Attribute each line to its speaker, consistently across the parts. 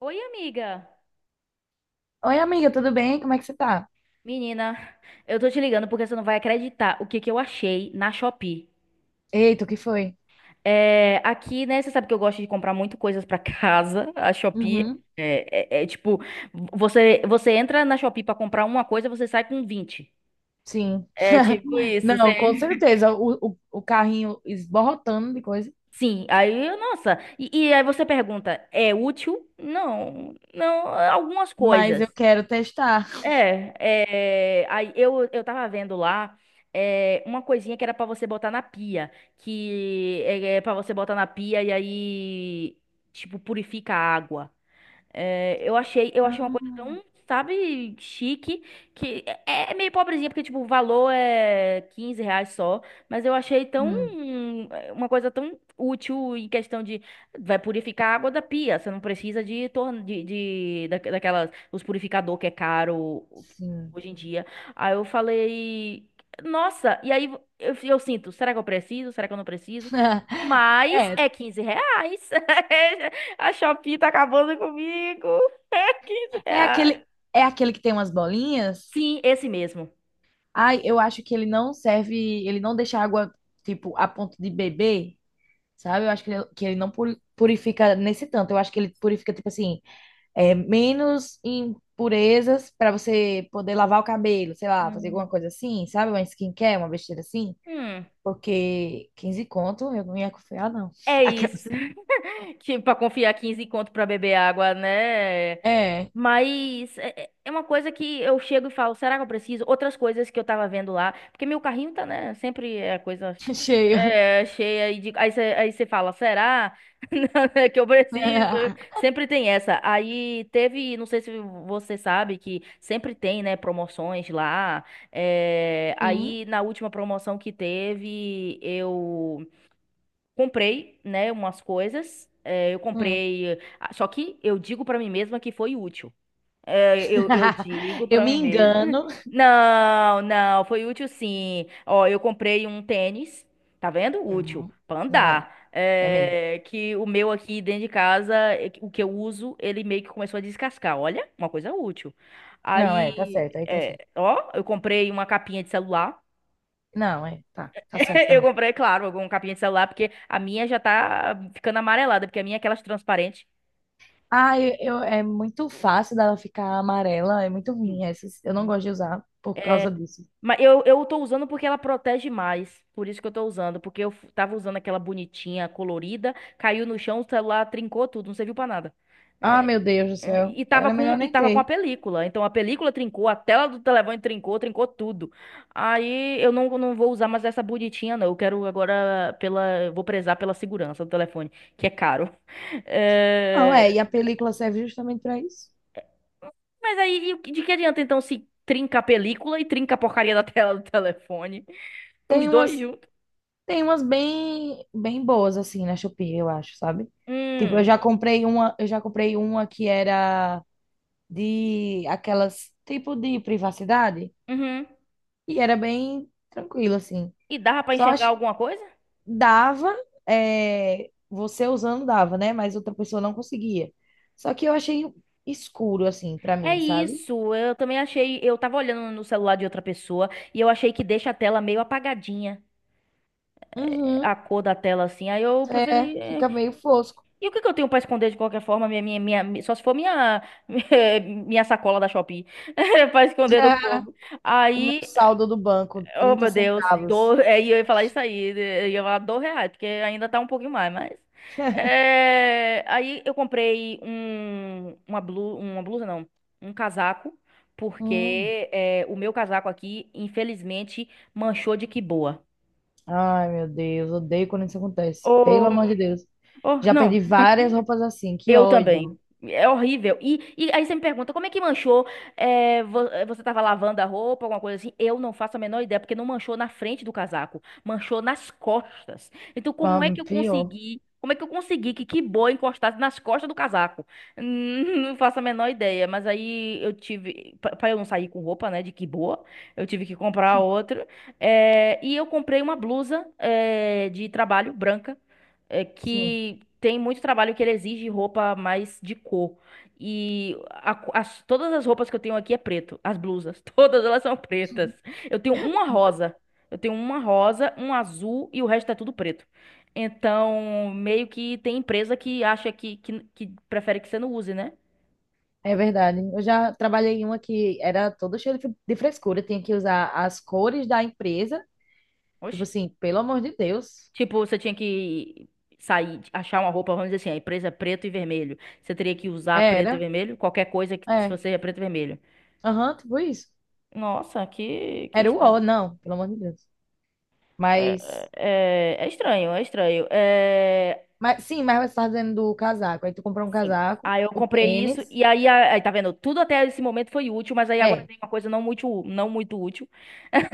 Speaker 1: Oi, amiga.
Speaker 2: Oi, amiga, tudo bem? Como é que você tá?
Speaker 1: Menina, eu tô te ligando porque você não vai acreditar o que que eu achei na Shopee.
Speaker 2: Eita, o que foi?
Speaker 1: É, aqui, né, você sabe que eu gosto de comprar muito coisas pra casa. A Shopee
Speaker 2: Uhum,
Speaker 1: é tipo, você entra na Shopee pra comprar uma coisa, você sai com 20.
Speaker 2: sim.
Speaker 1: É tipo isso,
Speaker 2: Não,
Speaker 1: você...
Speaker 2: com certeza. O carrinho esborrotando de coisa,
Speaker 1: Sim, aí, nossa, e aí você pergunta, é útil? Não, não, algumas
Speaker 2: mas
Speaker 1: coisas.
Speaker 2: eu quero testar.
Speaker 1: É, Aí eu tava vendo lá uma coisinha que era pra você botar na pia, que é para você botar na pia e aí, tipo, purifica a água. É, eu achei uma coisa
Speaker 2: Ah,
Speaker 1: tão, sabe, chique, que é meio pobrezinha, porque, tipo, o valor é R$ 15 só, mas eu achei tão,
Speaker 2: hum,
Speaker 1: uma coisa tão útil em questão de, vai purificar a água da pia, você não precisa de daquelas, os purificador que é caro
Speaker 2: sim.
Speaker 1: hoje em dia. Aí eu falei, nossa, e aí eu sinto, será que eu preciso, será que eu não preciso? Mas
Speaker 2: É,
Speaker 1: é R$ 15. A Shopee tá acabando comigo. Quinze
Speaker 2: é
Speaker 1: reais.
Speaker 2: aquele, é aquele que tem umas bolinhas.
Speaker 1: Sim, esse mesmo.
Speaker 2: Ai, eu acho que ele não serve, ele não deixa água, tipo, a ponto de beber, sabe? Eu acho que ele não puri- purifica nesse tanto. Eu acho que ele purifica, tipo assim, é, menos impurezas para você poder lavar o cabelo, sei lá, fazer alguma
Speaker 1: Hum.
Speaker 2: coisa assim, sabe? Uma skincare, uma besteira assim.
Speaker 1: Hum,
Speaker 2: Porque 15 conto, eu não ia confiar, não.
Speaker 1: é isso.
Speaker 2: Aquelas-
Speaker 1: Que pra confiar 15 conto pra beber água, né?
Speaker 2: É,
Speaker 1: Mas é uma coisa que eu chego e falo, será que eu preciso? Outras coisas que eu tava vendo lá, porque meu carrinho tá, né, sempre é coisa
Speaker 2: cheio.
Speaker 1: cheia e de, aí você fala, será que eu preciso? Sempre tem essa. Aí teve, não sei se você sabe que sempre tem, né, promoções lá. É,
Speaker 2: Sim.
Speaker 1: aí na última promoção que teve, eu comprei, né, umas coisas. É, eu
Speaker 2: Hum.
Speaker 1: comprei, só que eu digo pra mim mesma que foi útil. Eu digo
Speaker 2: Eu
Speaker 1: pra
Speaker 2: me
Speaker 1: mim mesma.
Speaker 2: engano.
Speaker 1: Não, não, foi útil sim. Ó, eu comprei um tênis, tá vendo? Útil,
Speaker 2: Uhum.
Speaker 1: pra
Speaker 2: Não é,
Speaker 1: andar.
Speaker 2: é mesmo.
Speaker 1: É, que o meu aqui dentro de casa, o que eu uso, ele meio que começou a descascar. Olha, uma coisa útil.
Speaker 2: Não é, tá
Speaker 1: Aí,
Speaker 2: certo, aí tá certo.
Speaker 1: é, ó, eu comprei uma capinha de celular.
Speaker 2: Não, é, tá, tá certo
Speaker 1: Eu
Speaker 2: também.
Speaker 1: comprei, claro, uma capinha de celular, porque a minha já tá ficando amarelada, porque a minha é aquelas transparentes.
Speaker 2: Ah, é muito fácil dela ficar amarela, é muito ruim essas. Eu não gosto de usar por causa disso.
Speaker 1: Mas eu tô usando porque ela protege mais. Por isso que eu tô usando. Porque eu tava usando aquela bonitinha, colorida, caiu no chão, o celular trincou tudo, não serviu pra nada.
Speaker 2: Ah, meu Deus do
Speaker 1: É,
Speaker 2: céu.
Speaker 1: E tava
Speaker 2: Era
Speaker 1: com,
Speaker 2: melhor
Speaker 1: e
Speaker 2: nem
Speaker 1: tava com a
Speaker 2: ter.
Speaker 1: película. Então a película trincou, a tela do telefone trincou, trincou tudo. Aí eu não vou usar mais essa bonitinha, não. Eu quero agora pela. Vou prezar pela segurança do telefone, que é caro.
Speaker 2: Não, é,
Speaker 1: É,
Speaker 2: e a película serve justamente para isso.
Speaker 1: Mas aí, e de que adianta então se trinca a película e trinca a porcaria da tela do telefone? Os
Speaker 2: Tem
Speaker 1: dois
Speaker 2: umas,
Speaker 1: juntos.
Speaker 2: Tem umas bem, bem boas assim na Shopee, eu acho, sabe? Tipo,
Speaker 1: Hum.
Speaker 2: eu já comprei uma que era de aquelas tipo de privacidade
Speaker 1: Uhum.
Speaker 2: e era bem tranquilo assim.
Speaker 1: E dava pra
Speaker 2: Só
Speaker 1: enxergar
Speaker 2: ach-
Speaker 1: alguma coisa?
Speaker 2: Dava, é, você usando dava, né? Mas outra pessoa não conseguia. Só que eu achei escuro assim para
Speaker 1: É
Speaker 2: mim, sabe?
Speaker 1: isso, eu também achei, eu tava olhando no celular de outra pessoa e eu achei que deixa a tela meio apagadinha,
Speaker 2: Uhum.
Speaker 1: a cor da tela assim. Aí eu
Speaker 2: É,
Speaker 1: preferi,
Speaker 2: fica meio fosco.
Speaker 1: e o que que eu tenho pra esconder de qualquer forma, só se for minha minha sacola da Shopee, pra esconder do povo.
Speaker 2: O meu
Speaker 1: Aí,
Speaker 2: saldo do banco,
Speaker 1: oh,
Speaker 2: 30
Speaker 1: meu Deus,
Speaker 2: centavos.
Speaker 1: e eu ia falar isso aí, eu ia falar R$ 2, porque ainda tá um pouquinho mais, mas... Aí eu comprei um, uma blu uma blusa não, um casaco,
Speaker 2: Hum.
Speaker 1: porque o meu casaco aqui, infelizmente, manchou de que boa.
Speaker 2: Ai, meu Deus, odeio quando isso acontece. Pelo
Speaker 1: Oh,
Speaker 2: amor de Deus.
Speaker 1: oh,
Speaker 2: Já perdi
Speaker 1: não.
Speaker 2: várias roupas assim, que
Speaker 1: Eu
Speaker 2: ódio.
Speaker 1: também. É horrível. E aí você me pergunta, como é que manchou? Você tava lavando a roupa, alguma coisa assim? Eu não faço a menor ideia, porque não manchou na frente do casaco, manchou nas costas. Então,
Speaker 2: Ah,
Speaker 1: como é que eu
Speaker 2: pior.
Speaker 1: consegui? Como é que eu consegui que boa encostasse nas costas do casaco? Hum. Não faço a menor ideia, mas aí eu tive, pra eu não sair com roupa, né, de que boa, eu tive que comprar outra. E eu comprei uma blusa, de trabalho branca
Speaker 2: Sim,
Speaker 1: que tem muito trabalho que ele exige roupa mais de cor. E todas as roupas que eu tenho aqui é preto. As blusas, todas elas são pretas. Eu tenho uma rosa. Eu tenho uma rosa, um azul e o resto é tudo preto. Então, meio que tem empresa que acha que prefere que você não use, né?
Speaker 2: é verdade. Eu já trabalhei em uma que era toda cheia de frescura, tinha que usar as cores da empresa. Tipo
Speaker 1: Oxe.
Speaker 2: assim, pelo amor de Deus.
Speaker 1: Tipo, você tinha que sair, achar uma roupa, vamos dizer assim, a empresa é preto e vermelho. Você teria que usar preto e
Speaker 2: Era,
Speaker 1: vermelho, qualquer coisa que se
Speaker 2: é.
Speaker 1: você é preto e vermelho.
Speaker 2: Aham, tipo isso.
Speaker 1: Nossa, que
Speaker 2: Era o ó,
Speaker 1: estranho.
Speaker 2: não, pelo amor de Deus.
Speaker 1: É,
Speaker 2: Mas,
Speaker 1: é- é estranho, é estranho. É,
Speaker 2: mas sim, mas você tá dizendo do casaco. Aí tu comprou um
Speaker 1: sim.
Speaker 2: casaco,
Speaker 1: Aí eu
Speaker 2: o
Speaker 1: comprei isso
Speaker 2: tênis.
Speaker 1: e aí, aí tá vendo, tudo até esse momento foi útil, mas aí agora
Speaker 2: É.
Speaker 1: tem uma coisa não muito útil,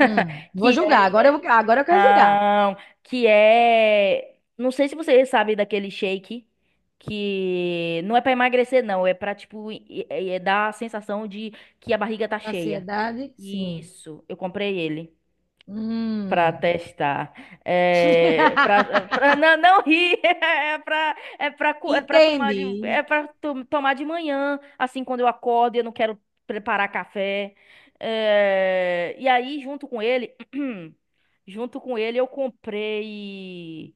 Speaker 2: Vou
Speaker 1: que
Speaker 2: julgar.
Speaker 1: é,
Speaker 2: Agora eu quero julgar.
Speaker 1: não, não sei se você sabe daquele shake que não é pra emagrecer não, é pra tipo dar a sensação de que a barriga tá cheia.
Speaker 2: Ansiedade, sim.
Speaker 1: Isso, eu comprei ele para
Speaker 2: Hum.
Speaker 1: testar. É, para pra, não rir. É para tomar
Speaker 2: Entendi.
Speaker 1: de, é para tomar de manhã, assim, quando eu acordo e eu não quero preparar café. É, e aí, junto com ele, junto com ele, eu comprei.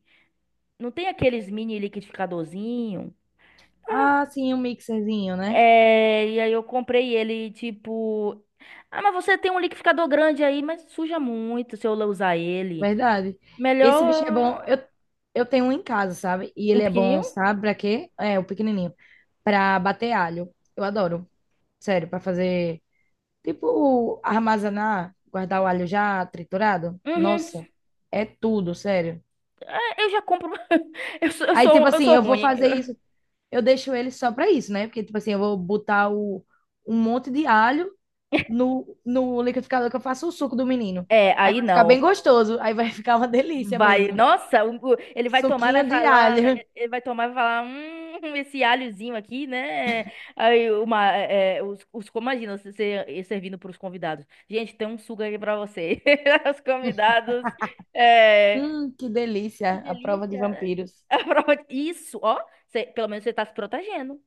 Speaker 1: Não tem aqueles mini liquidificadorzinho?
Speaker 2: Ah, sim, um mixerzinho, né?
Speaker 1: É, e aí eu comprei ele, tipo. Ah, mas você tem um liquidificador grande aí, mas suja muito se eu usar ele.
Speaker 2: Verdade. Esse bicho é bom.
Speaker 1: Melhor.
Speaker 2: Eu tenho um em casa, sabe? E
Speaker 1: Um
Speaker 2: ele é bom,
Speaker 1: pequenininho?
Speaker 2: sabe? Pra quê? É, o pequenininho. Pra bater alho. Eu adoro. Sério, pra fazer. Tipo, armazenar, guardar o alho já triturado.
Speaker 1: Uhum.
Speaker 2: Nossa, é tudo, sério.
Speaker 1: É, eu já compro. Eu sou, eu
Speaker 2: Aí, tipo
Speaker 1: sou, eu
Speaker 2: assim,
Speaker 1: sou
Speaker 2: eu vou
Speaker 1: ruim.
Speaker 2: fazer isso. Eu deixo ele só pra isso, né? Porque, tipo assim, eu vou botar o, um monte de alho no liquidificador que eu faço o suco do menino.
Speaker 1: É,
Speaker 2: Aí
Speaker 1: aí
Speaker 2: vai ficar bem
Speaker 1: não.
Speaker 2: gostoso. Aí vai ficar uma delícia
Speaker 1: Vai,
Speaker 2: mesmo.
Speaker 1: nossa, ele vai tomar e vai
Speaker 2: Suquinho de
Speaker 1: falar,
Speaker 2: alho.
Speaker 1: esse alhozinho aqui, né? Aí uma, é, os, imagina você servindo para os convidados. Gente, tem um suco aqui para você. Os convidados, é,
Speaker 2: Que delícia.
Speaker 1: que
Speaker 2: A prova de
Speaker 1: delícia.
Speaker 2: vampiros.
Speaker 1: Isso, ó, pelo menos você tá se protegendo.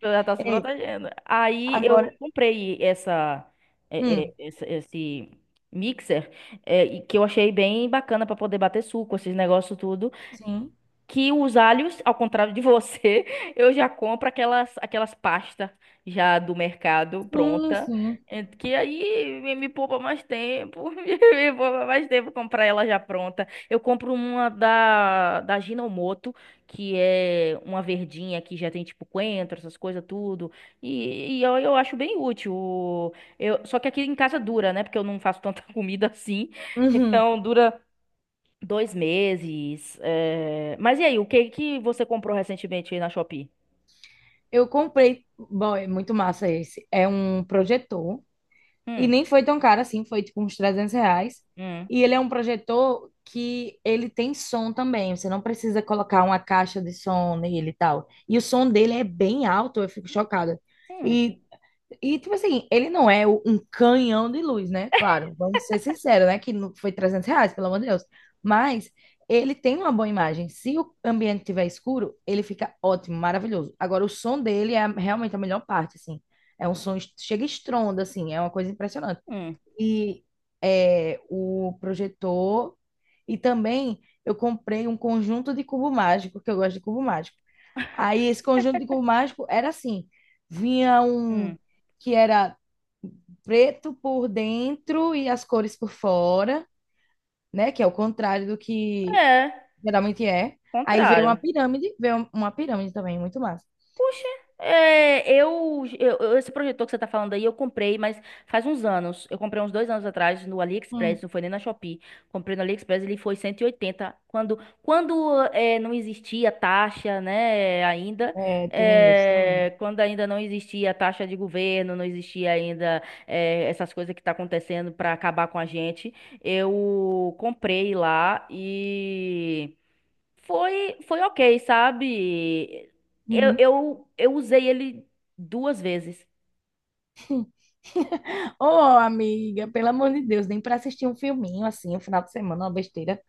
Speaker 1: Ela tá se
Speaker 2: É,
Speaker 1: protegendo. Aí
Speaker 2: agora.
Speaker 1: eu comprei essa, é,
Speaker 2: Hum,
Speaker 1: é, essa- esse mixer, e que eu achei bem bacana pra poder bater suco, esses negócios tudo
Speaker 2: sim.
Speaker 1: que os alhos, ao contrário de você, eu já compro aquelas pastas já do mercado
Speaker 2: Sim,
Speaker 1: pronta,
Speaker 2: sim.
Speaker 1: que aí me poupa mais tempo, me poupa mais tempo comprar ela já pronta. Eu compro uma da Ginomoto, que é uma verdinha que já tem tipo coentro, essas coisas tudo, e eu acho bem útil. Eu, só que aqui em casa dura, né? Porque eu não faço tanta comida assim,
Speaker 2: Uhum.
Speaker 1: então dura dois meses. Mas e aí, o que que você comprou recentemente aí na Shopee?
Speaker 2: Eu comprei. Bom, é muito massa esse. É um projetor. E
Speaker 1: Hum,
Speaker 2: nem foi tão caro assim, foi tipo uns 300 reais.
Speaker 1: hum,
Speaker 2: E ele é um projetor que ele tem som também, você não precisa colocar uma caixa de som nele e tal. E o som dele é bem alto, eu fico chocada.
Speaker 1: hum,
Speaker 2: E, e tipo assim, ele não é o- um canhão de luz, né? Claro, vamos ser sinceros, né? Que não foi 300 reais, pelo amor de Deus. Mas ele tem uma boa imagem. Se o ambiente estiver escuro, ele fica ótimo, maravilhoso. Agora, o som dele é realmente a melhor parte, assim. É um som, chega estronda, assim, é uma coisa impressionante
Speaker 1: hum,
Speaker 2: e é, o projetor. E também eu comprei um conjunto de cubo mágico, que eu gosto de cubo mágico. Aí esse conjunto de cubo mágico era assim: vinha um
Speaker 1: hum.
Speaker 2: que era preto por dentro e as cores por fora, né? Que é o contrário do que
Speaker 1: É,
Speaker 2: geralmente é. Aí
Speaker 1: contrário.
Speaker 2: veio uma pirâmide também, muito massa.
Speaker 1: Poxa, esse projetor que você tá falando aí, eu comprei, mas faz uns anos. Eu comprei uns 2 anos atrás no
Speaker 2: Hum.
Speaker 1: AliExpress, não foi nem na Shopee. Comprei no AliExpress, ele foi 180. Quando não existia taxa, né, ainda,
Speaker 2: É, tem isso também.
Speaker 1: quando ainda não existia taxa de governo, não existia ainda essas coisas que tá acontecendo para acabar com a gente, eu comprei lá e... Foi ok, sabe? Eu,
Speaker 2: Uhum.
Speaker 1: eu, eu usei ele duas vezes.
Speaker 2: Ô, amiga, pelo amor de Deus, nem para assistir um filminho assim, um final de semana, uma besteira.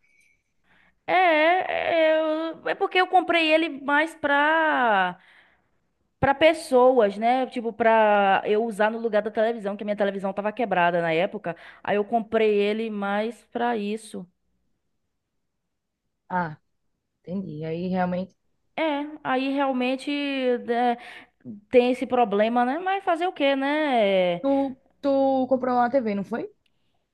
Speaker 1: É, porque eu comprei ele mais pra pessoas, né? Tipo, pra eu usar no lugar da televisão, que a minha televisão tava quebrada na época. Aí eu comprei ele mais pra isso.
Speaker 2: Ah, entendi. Aí realmente.
Speaker 1: É, aí realmente né, tem esse problema, né? Mas fazer o quê, né?
Speaker 2: Tu comprou uma TV, não foi?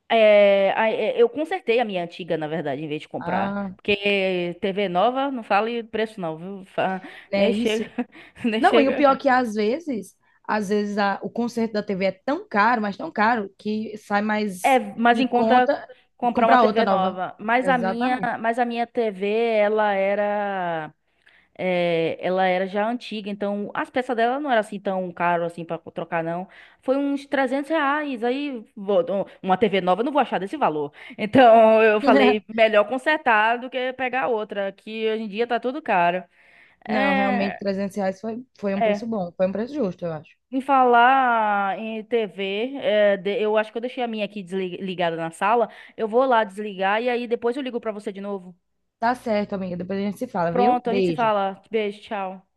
Speaker 1: É, eu consertei a minha antiga, na verdade, em vez de comprar.
Speaker 2: Ah,
Speaker 1: Porque TV nova, não fale preço não, viu? Nem
Speaker 2: é
Speaker 1: chega,
Speaker 2: isso.
Speaker 1: nem
Speaker 2: Não, e o pior
Speaker 1: chega.
Speaker 2: é que às vezes o conserto da TV é tão caro, mas tão caro, que sai
Speaker 1: É,
Speaker 2: mais
Speaker 1: mas em
Speaker 2: em
Speaker 1: conta
Speaker 2: conta
Speaker 1: comprar uma
Speaker 2: comprar outra
Speaker 1: TV
Speaker 2: nova.
Speaker 1: nova. Mas a minha,
Speaker 2: Exatamente.
Speaker 1: mas a minha TV, ela era já antiga, então as peças dela não era assim tão caro assim para trocar, não. Foi uns R$ 300. Aí, uma TV nova, eu não vou achar desse valor. Então eu falei, melhor consertar do que pegar outra, que hoje em dia tá tudo caro.
Speaker 2: Não, realmente,
Speaker 1: É,
Speaker 2: 300 reais foi, foi um preço
Speaker 1: é.
Speaker 2: bom, foi um preço justo, eu acho.
Speaker 1: Em falar em TV, eu acho que eu deixei a minha aqui ligada na sala. Eu vou lá desligar e aí depois eu ligo pra você de novo.
Speaker 2: Tá certo, amiga. Depois a gente se fala, viu?
Speaker 1: Pronto, a gente se
Speaker 2: Beijo.
Speaker 1: fala. Beijo, tchau.